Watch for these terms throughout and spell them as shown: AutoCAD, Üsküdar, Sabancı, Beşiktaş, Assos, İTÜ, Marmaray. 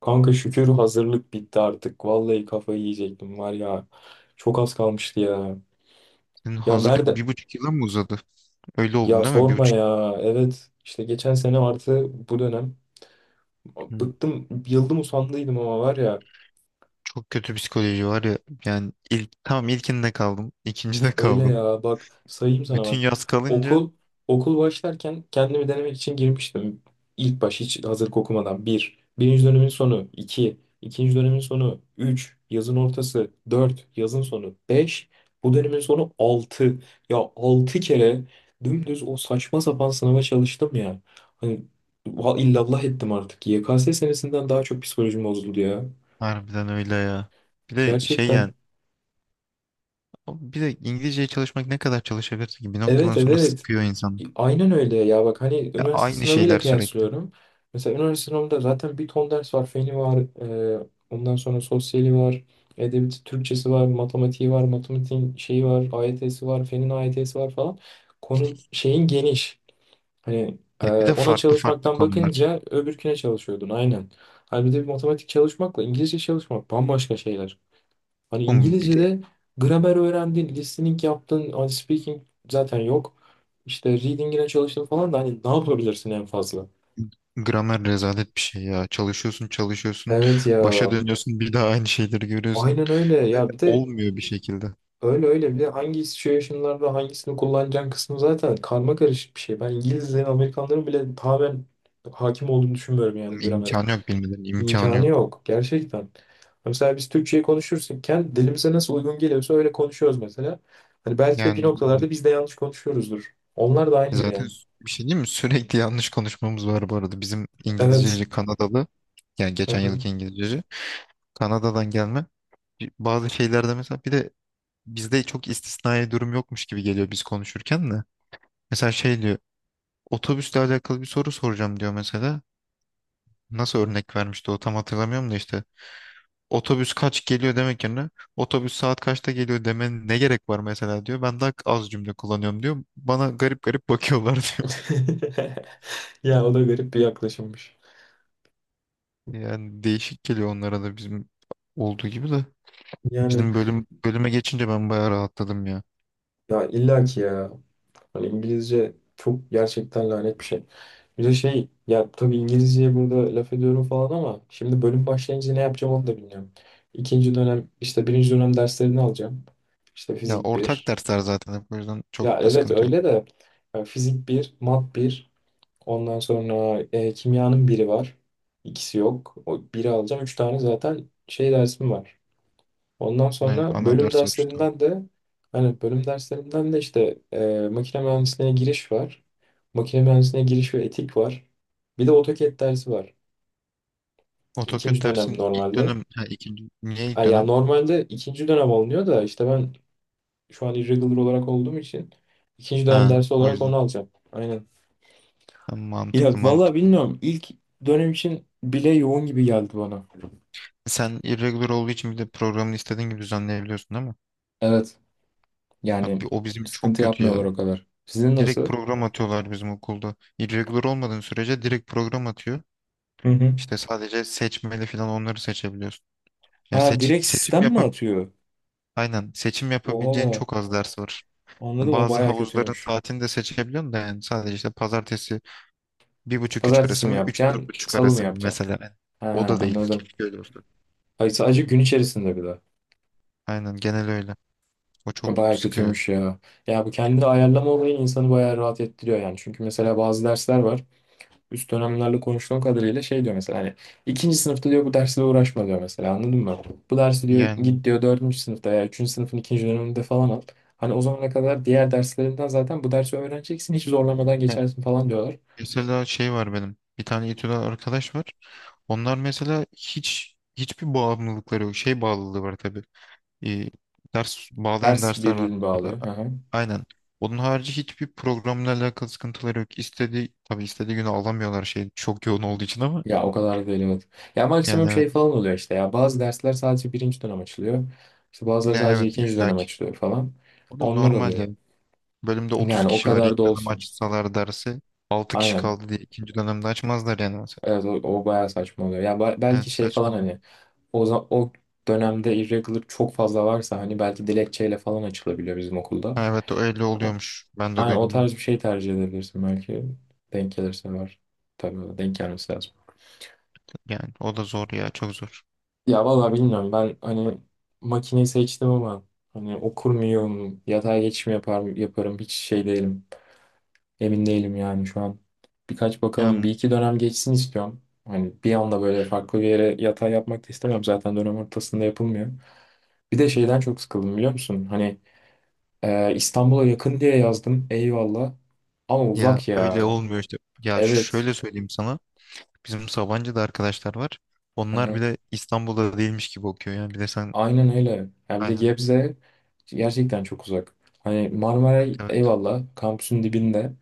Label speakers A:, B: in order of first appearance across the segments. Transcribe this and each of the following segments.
A: Kanka şükür hazırlık bitti artık. Vallahi kafayı yiyecektim var ya. Çok az kalmıştı ya.
B: Senin
A: Ya
B: hazırlık
A: nerede?
B: bir buçuk yıla mı uzadı? Öyle oldu
A: Ya
B: değil mi? Bir
A: sorma
B: buçuk.
A: ya. Evet işte geçen sene artı bu dönem.
B: Hı,
A: Bıktım, yıldım usandıydım ama var ya.
B: çok kötü psikoloji var ya. Yani ilk, tamam ilkinde kaldım. İkincide
A: Öyle
B: kaldım.
A: ya bak sayayım sana
B: Bütün
A: bak.
B: yaz kalınca
A: Okul okul başlarken kendimi denemek için girmiştim. İlk baş hiç hazırlık okumadan. Bir. Birinci dönemin sonu. İki. İkinci dönemin sonu. Üç. Yazın ortası. Dört. Yazın sonu. Beş. Bu dönemin sonu altı. Ya altı kere dümdüz o saçma sapan sınava çalıştım ya. Hani illallah ettim artık. YKS senesinden daha çok psikolojim bozuldu ya.
B: harbiden öyle ya. Bir de
A: Gerçekten.
B: bir de İngilizceye çalışmak ne kadar çalışabilirsin ki bir
A: Evet
B: noktadan sonra
A: evet.
B: sıkıyor insan.
A: Aynen öyle ya bak hani
B: Ya
A: üniversite
B: aynı
A: sınavıyla
B: şeyler sürekli.
A: kıyaslıyorum. Mesela üniversite sınavında zaten bir ton ders var. Feni var, ondan sonra sosyali var, edebiyatı, Türkçesi var, matematiği var, matematiğin şeyi var, AYT'si var, fenin AYT'si var falan. Konu şeyin geniş. Hani
B: Evet, bir de
A: ona
B: farklı farklı
A: çalışmaktan
B: konular.
A: bakınca öbürküne çalışıyordun aynen. Halbuki bir matematik çalışmakla İngilizce çalışmak bambaşka şeyler. Hani
B: Oğlum bir de
A: İngilizce'de gramer öğrendin, listening yaptın, hani speaking zaten yok. İşte reading'ine çalıştın falan da hani ne yapabilirsin en fazla?
B: gramer rezalet bir şey ya. Çalışıyorsun çalışıyorsun.
A: Evet ya.
B: Başa dönüyorsun bir daha aynı şeyleri görüyorsun.
A: Aynen öyle.
B: Ve
A: Ya bir de
B: olmuyor bir şekilde.
A: öyle öyle bir de hangi situation'larda hangisini kullanacağın kısmı zaten karma karışık bir şey. Ben İngilizlerin, Amerikanların bile tamamen hakim olduğunu düşünmüyorum yani gramere.
B: İmkanı yok bilmeden imkanı
A: İmkanı
B: yok.
A: yok gerçekten. Mesela biz Türkçe'yi konuşurken dilimize nasıl uygun geliyorsa öyle konuşuyoruz mesela. Hani belki de bir
B: Yani
A: noktalarda
B: ilmek.
A: biz de yanlış konuşuyoruzdur. Onlar da aynıdır yani.
B: Bir şey değil mi? Sürekli yanlış konuşmamız var bu arada. Bizim
A: Evet.
B: İngilizceci Kanadalı, yani geçen
A: Aha.
B: yılki İngilizceci, Kanada'dan gelme. Bazı şeylerde mesela, bir de bizde çok istisnai durum yokmuş gibi geliyor biz konuşurken de. Mesela şey diyor, otobüsle alakalı bir soru soracağım diyor mesela. Nasıl örnek vermişti o, tam hatırlamıyorum da işte. Otobüs kaç geliyor demek yerine otobüs saat kaçta geliyor demenin ne gerek var mesela diyor. Ben daha az cümle kullanıyorum diyor. Bana garip garip bakıyorlar diyor.
A: Ya o da garip bir yaklaşımmış.
B: Yani değişik geliyor onlara da bizim olduğu gibi de.
A: Yani
B: Bizim bölüm bölüme geçince ben bayağı rahatladım ya.
A: ya illa ki ya. Hani İngilizce çok gerçekten lanet bir şey. Bir de şey ya tabii İngilizceye burada laf ediyorum falan ama şimdi bölüm başlayınca ne yapacağım onu da bilmiyorum. İkinci dönem işte birinci dönem derslerini alacağım. İşte
B: Ya
A: fizik
B: ortak
A: bir.
B: dersler zaten hep, o yüzden
A: Ya
B: çok da
A: evet
B: sıkıntı yok.
A: öyle de ya fizik bir, mat bir, ondan sonra kimyanın biri var. İkisi yok. O biri alacağım. Üç tane zaten şey dersim var. Ondan
B: Ne
A: sonra
B: ana
A: bölüm
B: ders açıdan.
A: derslerinden de hani bölüm derslerinden de işte makine mühendisliğine giriş var. Makine mühendisliğine giriş ve etik var. Bir de AutoCAD dersi var.
B: AutoCAD
A: İkinci dönem
B: dersin ilk
A: normalde.
B: dönem ha, ikinci, niye ilk
A: Ay ya
B: dönem?
A: normalde ikinci dönem alınıyor da işte ben şu an irregular olarak olduğum için ikinci dönem
B: Ha,
A: dersi
B: o
A: olarak
B: yüzden.
A: onu alacağım. Aynen.
B: Ha,
A: Ya
B: mantıklı
A: valla
B: mantıklı.
A: bilmiyorum. İlk dönem için bile yoğun gibi geldi bana.
B: Sen irregular olduğu için bir de programını istediğin gibi düzenleyebiliyorsun değil mi?
A: Evet. Yani
B: O bizim çok
A: sıkıntı
B: kötü
A: yapmıyorlar
B: ya.
A: o kadar. Sizin
B: Direkt
A: nasıl?
B: program atıyorlar bizim okulda. Irregular olmadığın sürece direkt program atıyor.
A: Hı hı.
B: İşte sadece seçmeli falan, onları seçebiliyorsun. Yani
A: Ha
B: seç,
A: direkt
B: seçim
A: sistem mi
B: yapa
A: atıyor?
B: aynen seçim yapabileceğin
A: Oha.
B: çok az ders var.
A: Anladım o
B: Bazı
A: baya
B: havuzların
A: kötüymüş.
B: saatini de seçebiliyorsun da, yani sadece işte pazartesi bir buçuk üç
A: Pazartesi
B: arası
A: mi
B: mı, üç dört
A: yapacaksın?
B: buçuk
A: Salı mı
B: arası mı
A: yapacaksın?
B: mesela. Yani o
A: Ha
B: da değil.
A: anladım.
B: Keşke öyle olsa.
A: Ay sadece gün içerisinde bir de.
B: Aynen genel öyle. O çok
A: Baya
B: sıkıyor.
A: kötüymüş ya. Ya bu kendini ayarlama olayı insanı baya rahat ettiriyor yani. Çünkü mesela bazı dersler var. Üst dönemlerle konuştuğum kadarıyla şey diyor mesela hani ikinci sınıfta diyor bu dersle uğraşma diyor mesela anladın mı? Bu dersi diyor
B: Yani
A: git diyor dördüncü sınıfta ya üçüncü sınıfın ikinci döneminde falan al. Hani o zamana kadar diğer derslerinden zaten bu dersi öğreneceksin hiç zorlamadan
B: e,
A: geçersin falan diyorlar.
B: Mesela şey var benim. Bir tane İTÜ'den arkadaş var. Onlar mesela hiçbir bağımlılıkları yok. Şey bağlılığı var tabii. Ee, Ders bağlayan
A: Ders
B: dersler var
A: birliğini
B: mesela.
A: bağlıyor. Hı hı.
B: Aynen. Onun harici hiçbir programla alakalı sıkıntıları yok. İstediği, tabii istediği günü alamıyorlar, şey çok yoğun olduğu için, ama
A: Ya o kadar da değil evet. Ya
B: yani
A: maksimum
B: evet.
A: şey falan oluyor işte ya bazı dersler sadece birinci dönem açılıyor. İşte
B: Ne,
A: bazıları sadece
B: evet
A: ikinci dönem
B: illaki.
A: açılıyor falan.
B: O da
A: Onlar
B: normal
A: oluyor.
B: yani. Bölümde 30
A: Yani o
B: kişi var.
A: kadar da
B: İlk dönem
A: olsun.
B: açsalar dersi 6 kişi
A: Aynen.
B: kaldı diye ikinci dönemde açmazlar yani mesela.
A: Evet o, o bayağı saçma oluyor. Ya belki
B: Evet,
A: şey falan
B: saçmalık.
A: hani o dönemde irregular çok fazla varsa hani belki dilekçeyle falan açılabiliyor bizim okulda.
B: Ha, evet, öyle
A: Hani,
B: oluyormuş. Ben de
A: hani o
B: duydum onu.
A: tarz bir şey tercih edebilirsin belki. Denk gelirse var. Tabii denk gelmesi lazım.
B: Yani o da zor ya, çok zor.
A: Ya vallahi bilmiyorum ben hani makineyi seçtim ama hani okur muyum, yatay geçiş mi yapar, yaparım hiç şey değilim. Emin değilim yani şu an. Birkaç bakalım
B: Ya.
A: bir iki dönem geçsin istiyorum. Hani bir anda böyle farklı bir yere yatay yapmak da istemem zaten dönem ortasında yapılmıyor. Bir de şeyden çok sıkıldım biliyor musun? Hani İstanbul'a yakın diye yazdım. Eyvallah. Ama
B: Ya
A: uzak
B: öyle
A: ya.
B: olmuyor işte. Ya
A: Evet.
B: şöyle söyleyeyim sana. Bizim Sabancı'da arkadaşlar var.
A: Hı
B: Onlar
A: hı.
B: bile İstanbul'da değilmiş gibi okuyor yani. Bir de sen.
A: Aynen öyle. Ya bir de
B: Aynen,
A: Gebze gerçekten çok uzak. Hani Marmaray
B: evet.
A: eyvallah kampüsün dibinde.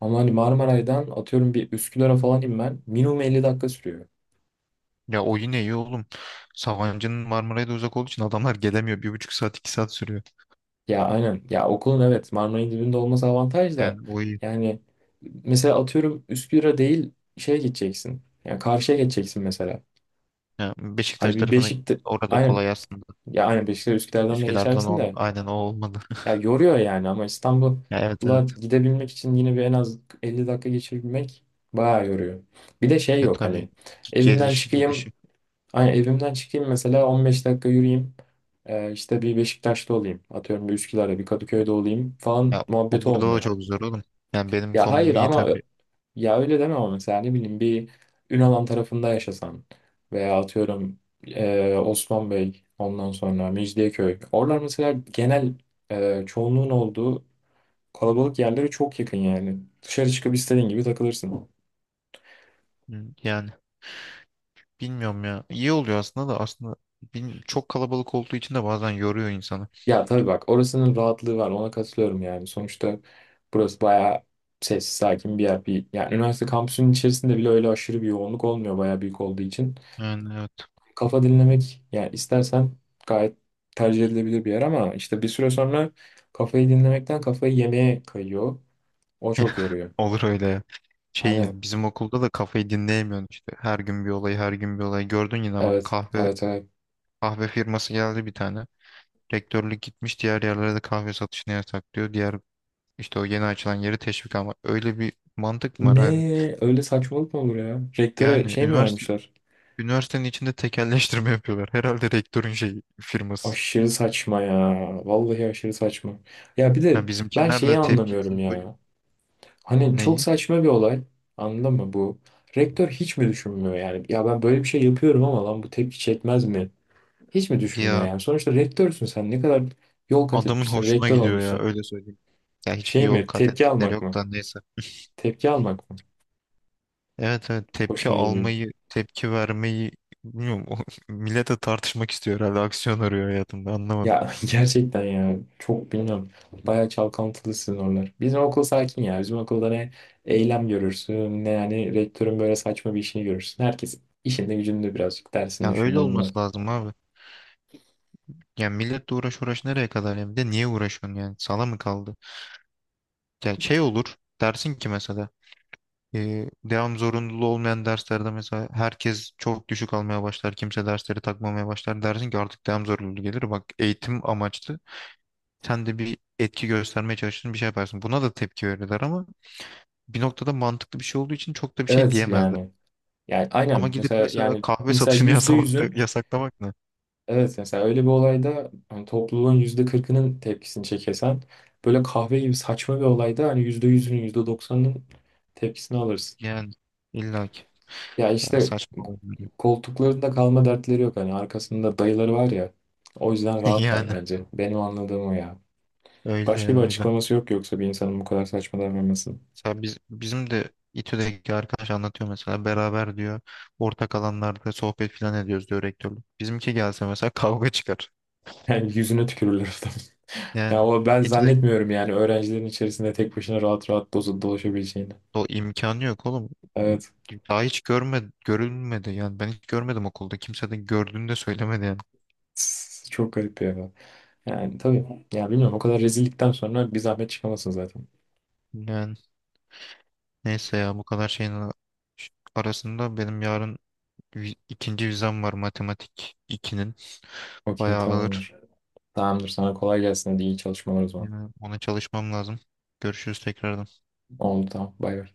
A: Ama hani Marmaray'dan atıyorum bir Üsküdar'a falan inmen minimum 50 dakika sürüyor.
B: Ya o yine iyi oğlum. Sabancı'nın Marmaray'da uzak olduğu için adamlar gelemiyor. Bir buçuk saat, iki saat sürüyor.
A: Ya aynen. Ya okulun evet Marmaray'ın dibinde olması avantaj da.
B: Yani o iyi.
A: Yani mesela atıyorum Üsküdar'a değil şeye gideceksin. Yani karşıya geçeceksin mesela.
B: Ya
A: Hani
B: Beşiktaş
A: bir
B: tarafına,
A: Beşik'te
B: orada
A: aynen
B: kolay aslında.
A: ya aynen Beşiktaş Üsküdar'dan da
B: Üsküdar'dan
A: geçersin
B: on,
A: de.
B: aynen, o olmadı.
A: Ya yoruyor yani ama
B: Ya evet,
A: İstanbul'a
B: evet.
A: gidebilmek için yine bir en az 50 dakika geçirmek bayağı yoruyor. Bir de şey
B: Ya
A: yok
B: tabii,
A: evimden
B: gelişi
A: çıkayım,
B: gidişi.
A: hani evimden çıkayım mesela 15 dakika yürüyeyim. İşte bir Beşiktaş'ta olayım. Atıyorum bir Üsküdar'da bir Kadıköy'de olayım falan
B: Ya o
A: muhabbeti
B: burada da
A: olmuyor.
B: çok zor oğlum. Yani benim
A: Ya hayır
B: konumum iyi
A: ama
B: tabii.
A: ya öyle deme ama mesela ne bileyim bir Ünalan tarafında yaşasan veya atıyorum Osman Bey ondan sonra Mecidiyeköy. Oralar mesela genel çoğunluğun olduğu kalabalık yerlere çok yakın yani. Dışarı çıkıp istediğin gibi takılırsın.
B: Hı, yani bilmiyorum ya. İyi oluyor aslında da, aslında çok kalabalık olduğu için de bazen yoruyor insanı.
A: Ya tabii bak orasının rahatlığı var ona katılıyorum yani. Sonuçta burası bayağı sessiz sakin bir yer. Bir, yani üniversite kampüsünün içerisinde bile öyle aşırı bir yoğunluk olmuyor bayağı büyük olduğu için.
B: Yani evet.
A: Kafa dinlemek yani istersen gayet tercih edilebilir bir yer ama işte bir süre sonra kafayı dinlemekten kafayı yemeye kayıyor. O çok yoruyor.
B: Olur öyle ya. Şey
A: Aynen.
B: ya, bizim okulda da kafayı dinleyemiyorsun işte. Her gün bir olay, her gün bir olay. Gördün yine, bak,
A: Evet.
B: kahve
A: Evet evet.
B: kahve firması geldi bir tane. Rektörlük gitmiş, diğer yerlere de kahve satışını yasaklıyor. Diğer işte o yeni açılan yeri teşvik, ama öyle bir mantık mı var
A: Ne
B: abi?
A: öyle saçmalık mı olur ya? Rektöre
B: Yani
A: şey mi
B: üniversite
A: vermişler?
B: üniversitenin içinde tekelleştirme yapıyorlar. Herhalde rektörün şey firması.
A: Aşırı saçma ya. Vallahi aşırı saçma. Ya bir de
B: Yani
A: ben
B: bizimkiler de
A: şeyi anlamıyorum
B: tepkisini koyuyor.
A: ya. Hani çok
B: Neyi?
A: saçma bir olay. Anladın mı bu? Rektör hiç mi düşünmüyor yani? Ya ben böyle bir şey yapıyorum ama lan bu tepki çekmez mi? Hiç mi düşünmüyor
B: Ya
A: yani? Sonuçta rektörsün sen. Ne kadar yol kat
B: adamın
A: etmişsin.
B: hoşuna
A: Rektör
B: gidiyor ya,
A: olmuşsun.
B: öyle söyleyeyim. Ya hiçbir
A: Şey
B: yol
A: mi?
B: kat
A: Tepki
B: ettikleri
A: almak
B: yok
A: mı?
B: da, neyse.
A: Tepki almak mı?
B: Evet, evet, tepki
A: Hoşuna gidiyor.
B: almayı, tepki vermeyi bilmiyorum. O, millete tartışmak istiyor herhalde. Aksiyon arıyor hayatında, anlamadım.
A: Ya gerçekten ya çok bilmiyorum. Bayağı çalkantılı sizin oralar. Bizim okul sakin ya. Bizim okulda ne eylem görürsün ne yani rektörün böyle saçma bir işini görürsün. Herkes işinde gücünde birazcık dersinde
B: Ya öyle
A: şunda bunda.
B: olması lazım abi. Ya milletle uğraş uğraş nereye kadar ya? Bir de niye uğraşıyorsun yani? Sala mı kaldı? Ya şey olur, dersin ki mesela devam zorunluluğu olmayan derslerde mesela herkes çok düşük almaya başlar. Kimse dersleri takmamaya başlar. Dersin ki artık devam zorunluluğu gelir. Bak, eğitim amaçlı sen de bir etki göstermeye çalışırsın, bir şey yaparsın. Buna da tepki verirler, ama bir noktada mantıklı bir şey olduğu için çok da bir şey
A: Evet
B: diyemezler.
A: yani. Yani
B: Ama
A: aynen
B: gidip
A: mesela
B: mesela
A: yani
B: kahve
A: mesela
B: satışını
A: yüzde
B: yasamak,
A: yüzün
B: yasaklamak ne?
A: evet mesela öyle bir olayda hani topluluğun %40'ının tepkisini çekesen böyle kahve gibi saçma bir olayda hani %100'ünün yüzde doksanının tepkisini alırsın.
B: Yani illaki.
A: Ya
B: Ya
A: işte
B: saçma oluyor.
A: koltuklarında kalma dertleri yok. Hani arkasında dayıları var ya. O yüzden rahatlar
B: Yani
A: bence. Benim anladığım o ya.
B: öyle
A: Başka bir
B: öyle.
A: açıklaması yok yoksa bir insanın bu kadar saçma davranmasının.
B: Mesela biz, bizim de İTÜ'deki arkadaş anlatıyor mesela, beraber diyor ortak alanlarda sohbet falan ediyoruz diyor rektörlük. Bizimki gelse mesela kavga çıkar.
A: Yani yüzüne tükürürler adam. Ya
B: Yani
A: o ben
B: İTÜ'deki,
A: zannetmiyorum yani öğrencilerin içerisinde tek başına rahat rahat dolaşabileceğini.
B: o imkanı yok oğlum.
A: Evet.
B: Daha hiç görme Görülmedi yani, ben hiç görmedim okulda, kimse de gördüğünü de söylemedi yani.
A: Tss, çok garip ya. Yani tabii. Ya bilmiyorum o kadar rezillikten sonra bir zahmet çıkamasın zaten.
B: Yani neyse ya, bu kadar arasında benim yarın ikinci vizem var, matematik ikinin,
A: Okey
B: bayağı ağır.
A: tamamdır. Tamamdır sana kolay gelsin hadi iyi çalışmalar o zaman.
B: Yani ona çalışmam lazım. Görüşürüz tekrardan.
A: Oldu tamam bay bay.